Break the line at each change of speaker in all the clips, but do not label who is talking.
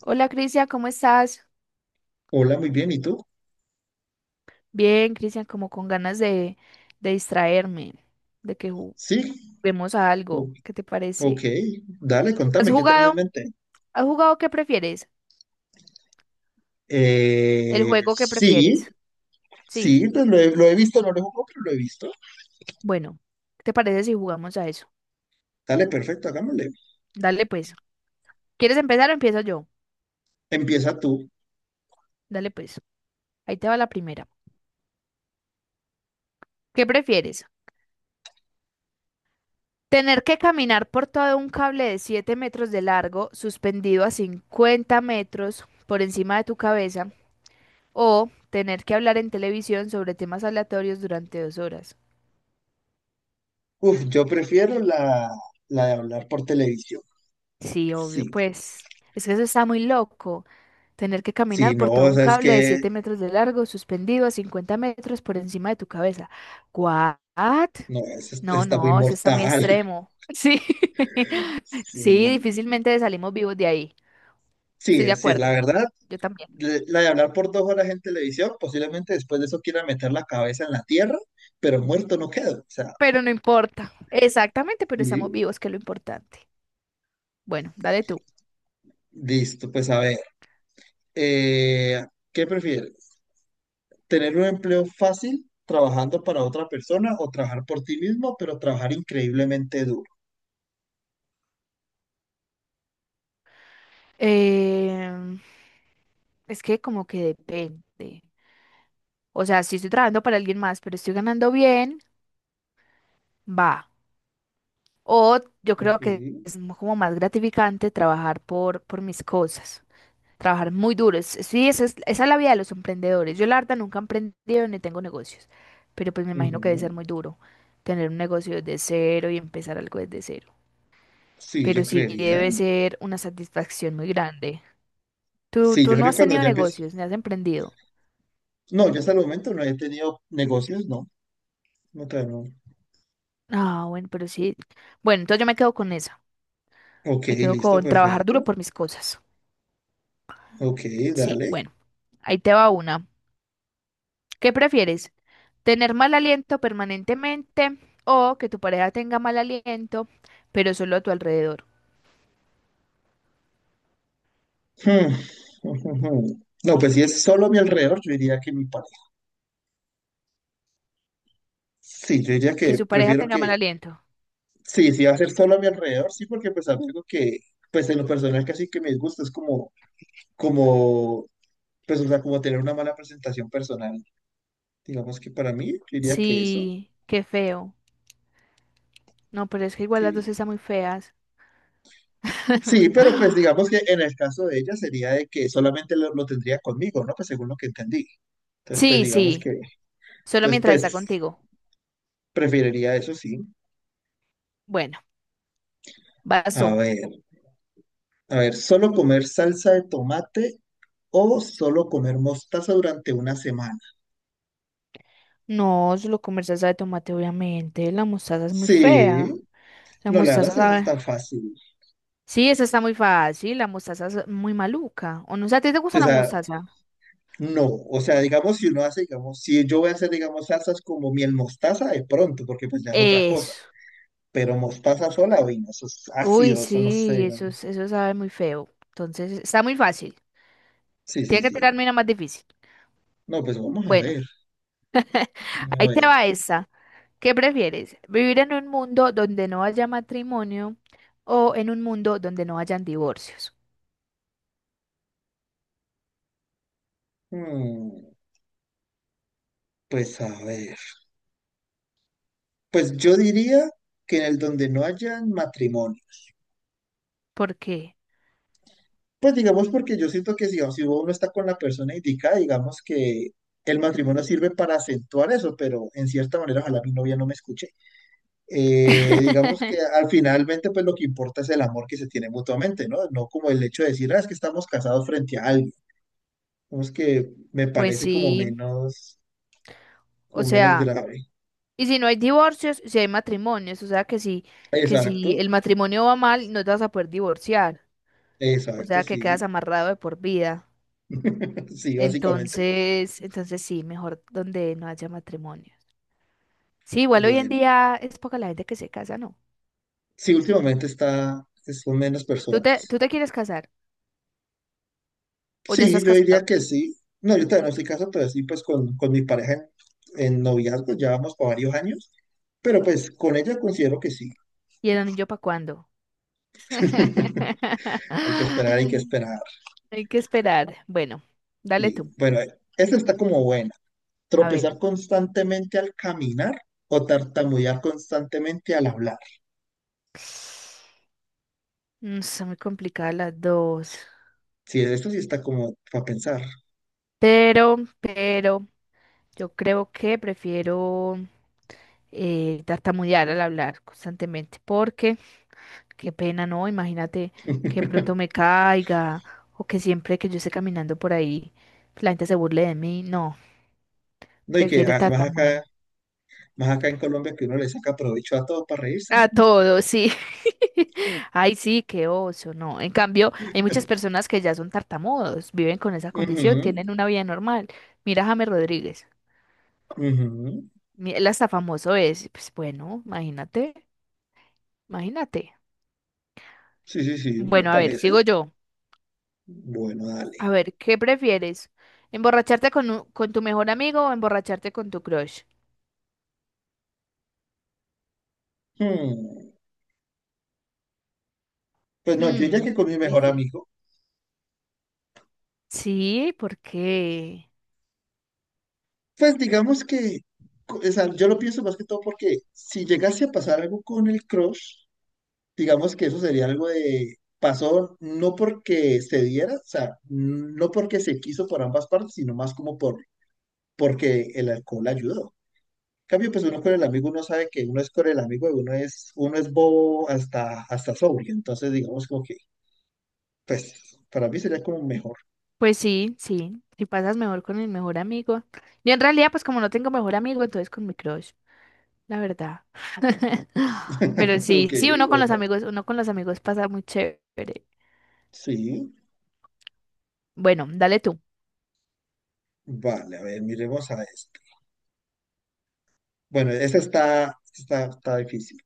Hola Cristian, ¿cómo estás?
Hola, muy bien. ¿Y tú?
Bien, Cristian, como con ganas de distraerme, de que
Sí,
juguemos a
o-
algo. ¿Qué te
ok.
parece?
Dale,
¿Has
contame, ¿qué tenés
jugado?
en mente?
¿Has jugado qué prefieres? ¿El juego que
Sí,
prefieres? Sí,
sí, pues lo he visto, no lo he jugado, pero lo he visto.
bueno, ¿qué te parece si jugamos a eso?
Dale, perfecto, hagámosle.
Dale pues. ¿Quieres empezar o empiezo yo?
Empieza tú.
Dale pues. Ahí te va la primera. ¿Qué prefieres? ¿Tener que caminar por todo un cable de 7 metros de largo, suspendido a 50 metros por encima de tu cabeza? ¿O tener que hablar en televisión sobre temas aleatorios durante 2 horas?
Uf, yo prefiero la de hablar por televisión.
Sí, obvio,
Sí,
pues es que eso está muy loco. Tener que
sí,
caminar
no,
por todo
o
un
sea, es
cable de
que,
7 metros de largo, suspendido a 50 metros por encima de tu cabeza. ¿What?
no,
No,
está muy
no, eso está muy
mortal.
extremo. Sí, sí,
Sí,
difícilmente salimos vivos de ahí. Estoy de
sí, sí, la
acuerdo,
verdad,
yo también.
la de hablar por 2 horas en televisión, posiblemente después de eso quiera meter la cabeza en la tierra, pero muerto no quedo. O sea,
Pero no importa. Exactamente, pero estamos
sí.
vivos, que es lo importante. Bueno, dale tú.
Listo, pues a ver, eh, ¿qué prefieres? ¿Tener un empleo fácil trabajando para otra persona o trabajar por ti mismo, pero trabajar increíblemente duro?
Em, Es que como que depende. O sea, si estoy trabajando para alguien más, pero estoy ganando bien, va. O yo
Ok,
creo que es como más gratificante trabajar por mis cosas. Trabajar muy duro. Sí, esa es la vida de los emprendedores. Yo la verdad nunca he emprendido ni tengo negocios. Pero pues me imagino que debe ser
ujú.
muy duro tener un negocio desde cero y empezar algo desde cero.
Sí, yo
Pero sí
creería.
debe ser una satisfacción muy grande. Tú,
Sí,
tú
yo
no
creo que
has
cuando
tenido
ya empiezo.
negocios, ni has emprendido.
No, yo hasta el momento no he tenido negocios, no. No, todavía no.
Ah, bueno, pero sí. Bueno, entonces yo me quedo con eso.
Ok,
Me quedo
listo,
con trabajar duro
perfecto.
por mis cosas.
Ok,
Sí,
dale.
bueno, ahí te va una. ¿Qué prefieres? ¿Tener mal aliento permanentemente o que tu pareja tenga mal aliento, pero solo a tu alrededor?
Hmm. No, pues si es solo a mi alrededor, yo diría que mi pareja. Sí, yo diría
Que
que
su pareja
prefiero
tenga mal
que.
aliento.
Sí, sí, va a ser solo a mi alrededor, sí, porque pues algo que, pues en lo personal casi que me gusta es como, como, pues o sea, como tener una mala presentación personal. Digamos que para mí, yo diría que eso,
Sí, qué feo. No, pero es que igual las dos
sí.
están muy feas.
Sí, pero pues digamos que en el caso de ella sería de que solamente lo tendría conmigo, ¿no? Pues según lo que entendí. Entonces, pues
Sí,
digamos
sí,
que,
solo
entonces
mientras está
pues
contigo.
preferiría eso, sí.
Bueno, vas
A
tú.
ver, a ver, ¿solo comer salsa de tomate o solo comer mostaza durante una semana?
No, solo con salsa de tomate, obviamente. La mostaza es muy fea.
Sí,
La
no, la verdad
mostaza
es que es
sabe.
tan fácil.
Sí, eso está muy fácil. La mostaza es muy maluca. ¿O no? O sea, ¿a ti te gusta
O
la
sea,
mostaza?
no. O sea, digamos, si uno hace, digamos, si yo voy a hacer, digamos, salsas como miel mostaza, de pronto, porque pues ya es otra cosa.
Eso.
Pero mostaza sola, uy, no, eso es
Uy,
ácido, eso no sé,
sí,
no.
eso, eso sabe muy feo. Entonces, está muy fácil.
Sí, sí,
Tiene que tirarme
sí.
una más difícil.
No, pues vamos a
Bueno,
ver. Dime a
ahí te
ver.
va esta. ¿Qué prefieres? ¿Vivir en un mundo donde no haya matrimonio o en un mundo donde no hayan divorcios?
Mm, pues a ver. Pues yo diría que en el donde no haya matrimonio.
¿Por qué?
Pues digamos, porque yo siento que si uno está con la persona indicada, digamos que el matrimonio sirve para acentuar eso, pero en cierta manera, ojalá mi novia no me escuche. Eh, digamos que al finalmente pues lo que importa es el amor que se tiene mutuamente, ¿no? No como el hecho de decir, ah, es que estamos casados frente a alguien. Digamos que me
Pues
parece
sí, o
como menos
sea,
grave.
y si no hay divorcios, si hay matrimonios, o sea que que
Exacto,
si el matrimonio va mal, no te vas a poder divorciar. O
exacto,
sea, que quedas
sí,
amarrado de por vida.
sí, básicamente.
Entonces sí, mejor donde no haya matrimonios. Sí, igual hoy en
Bueno,
día es poca la gente que se casa, ¿no?
sí, últimamente está, son menos
¿Tú te,
personas.
tú te quieres casar? ¿O ya
Sí,
estás
yo diría
casado?
que sí. No, yo todavía no estoy casado, pero sí, pues con mi pareja en noviazgo, ya vamos por varios años, pero pues con ella considero que sí.
¿Y el anillo para cuándo?
Hay que esperar, hay que esperar.
Hay que esperar. Bueno, dale
Sí.
tú.
Bueno, esa está como buena.
A ver.
Tropezar constantemente al caminar o tartamudear constantemente al hablar.
Mm, está muy complicada las dos.
Sí, esto sí está como para pensar.
Pero, pero, yo creo que prefiero tartamudear al hablar constantemente. Porque qué pena, ¿no? Imagínate que de pronto me caiga o que siempre que yo esté caminando por ahí la gente se burle de mí. No,
No, y que
prefiero
además acá,
tartamudear.
más acá en Colombia que uno le saca provecho a todo para reírse.
A todo, sí. Ay, sí, qué oso, no. En cambio, hay muchas personas que ya son tartamudos, viven con esa condición,
Ujú,
tienen una vida normal. Mira a James Rodríguez,
ujú.
él hasta famoso es. Pues bueno, imagínate.
Sí, sí, sí, me
Bueno, a ver,
parece.
sigo yo.
Bueno, dale.
A ver, ¿qué prefieres? ¿Emborracharte con tu mejor amigo o emborracharte con tu crush?
Hmm. Pues no, yo diría
Hmm,
que con mi mejor
difícil.
amigo.
Sí, porque,
Pues digamos que, o sea, yo lo pienso más que todo porque si llegase a pasar algo con el crush, digamos que eso sería algo de, pasó no porque se diera, o sea, no porque se quiso por ambas partes, sino más como por, porque el alcohol ayudó. En cambio, pues uno con el amigo, uno sabe que uno es con el amigo y uno es bobo hasta sobrio. Entonces, digamos como que, pues, para mí sería como mejor.
pues sí, sí, si pasas mejor con el mejor amigo. Yo en realidad, pues como no tengo mejor amigo, entonces con mi crush, la verdad. Pero
Ok,
sí, sí,
bueno,
uno con los amigos pasa muy chévere.
sí.
Bueno, dale tú.
Vale, a ver, miremos a esto. Bueno, esta está difícil.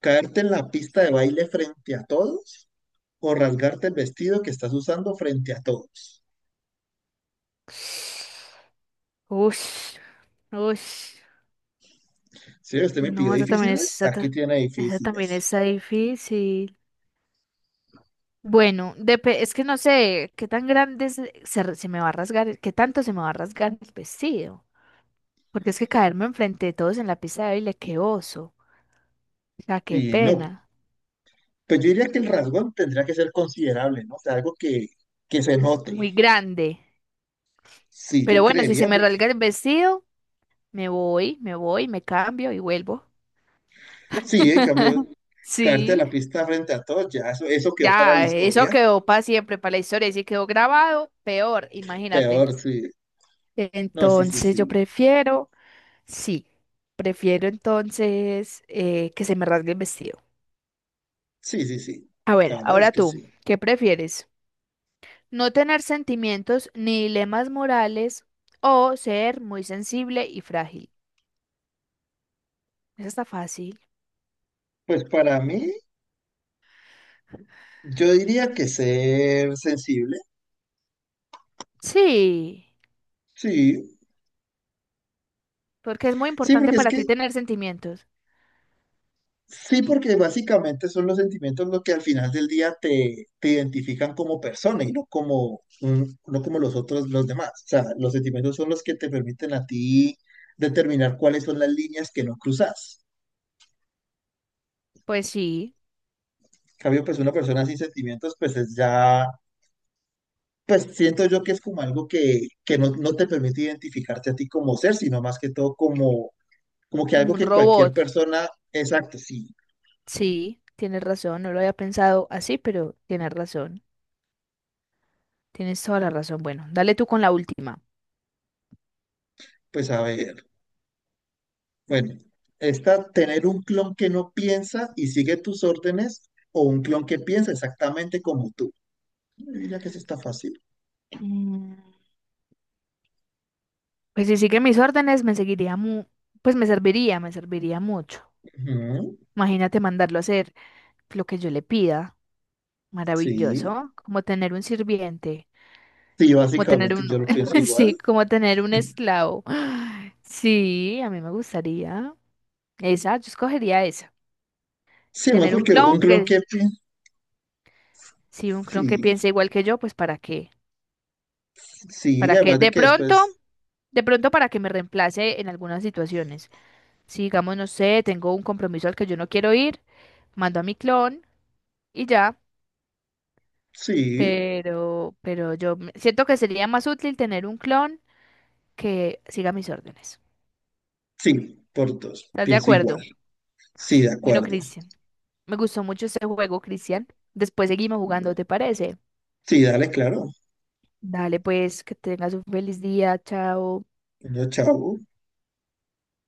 Caerte en la pista de baile frente a todos o rasgarte el vestido que estás usando frente a todos.
Ush, ush.
Si usted me pidió
No, esa también es,
difíciles, aquí tiene
esa también
difíciles.
está difícil. Bueno, es que no sé qué tan grande se me va a rasgar, qué tanto se me va a rasgar el vestido. Porque es que caerme enfrente de todos en la pista de baile, qué oso. O sea, qué
Y no,
pena.
pues yo diría que el rasgón tendría que ser considerable, ¿no? O sea, algo que se note.
Muy grande.
Sí, yo
Pero bueno, si se
creería,
me
porque
rasga el vestido, me cambio y vuelvo.
sí, en cambio, caerte a
Sí,
la pista frente a todos, ya eso, quedó para la
ya, eso
historia.
quedó para siempre, para la historia. Y si quedó grabado, peor, imagínate.
Peor, sí. No, sí, sí,
Entonces yo
sí.
prefiero, sí, prefiero entonces que se me rasgue el vestido.
Sí, sí, sí.
A
La
ver,
verdad es
ahora
que
tú,
sí.
¿qué prefieres? ¿No tener sentimientos ni dilemas morales o ser muy sensible y frágil? Eso está fácil.
Pues para mí, yo diría que ser sensible.
Sí,
Sí,
porque es muy
sí,
importante
porque es
para
que.
ti tener sentimientos.
Sí, porque básicamente son los sentimientos los que al final del día te identifican como persona y no como, no como los otros, los demás. O sea, los sentimientos son los que te permiten a ti determinar cuáles son las líneas que no cruzas.
Pues sí,
En cambio, pues una persona sin sentimientos, pues es ya, pues siento yo que es como algo que no, no te permite identificarte a ti como ser, sino más que todo como, como que
como
algo
un
que cualquier
robot.
persona, exacto, sí,
Sí, tienes razón, no lo había pensado así, pero tienes razón. Tienes toda la razón. Bueno, dale tú con la última.
pues a ver. Bueno, está tener un clon que no piensa y sigue tus órdenes o un clon que piensa exactamente como tú. Yo diría que eso está fácil.
Mm. Pues si sigue mis órdenes, pues me serviría mucho.
Ujú.
Imagínate mandarlo a hacer lo que yo le pida.
Sí,
Maravilloso. Como tener un sirviente,
sí,
como tener
básicamente yo
uno,
lo pienso igual.
sí, como tener un esclavo. Sí, a mí me gustaría. Esa, yo escogería esa.
Sí, más
Tener un
porque
clon
un clon
que,
que piensa,
sí, un clon que
sí,
piense igual que yo, pues
sí,
para qué.
además de que después,
De pronto para que me reemplace en algunas situaciones. Si digamos, no sé, tengo un compromiso al que yo no quiero ir, mando a mi clon y ya,
sí,
yo siento que sería más útil tener un clon que siga mis órdenes.
sí, por dos,
¿Estás de
pienso igual.
acuerdo?
Sí, de
Bueno,
acuerdo.
Cristian, me gustó mucho este juego, Cristian. Después seguimos jugando, ¿te parece?
Sí, dale, claro.
Dale, pues, que tengas un feliz día, chao.
Niño, chao.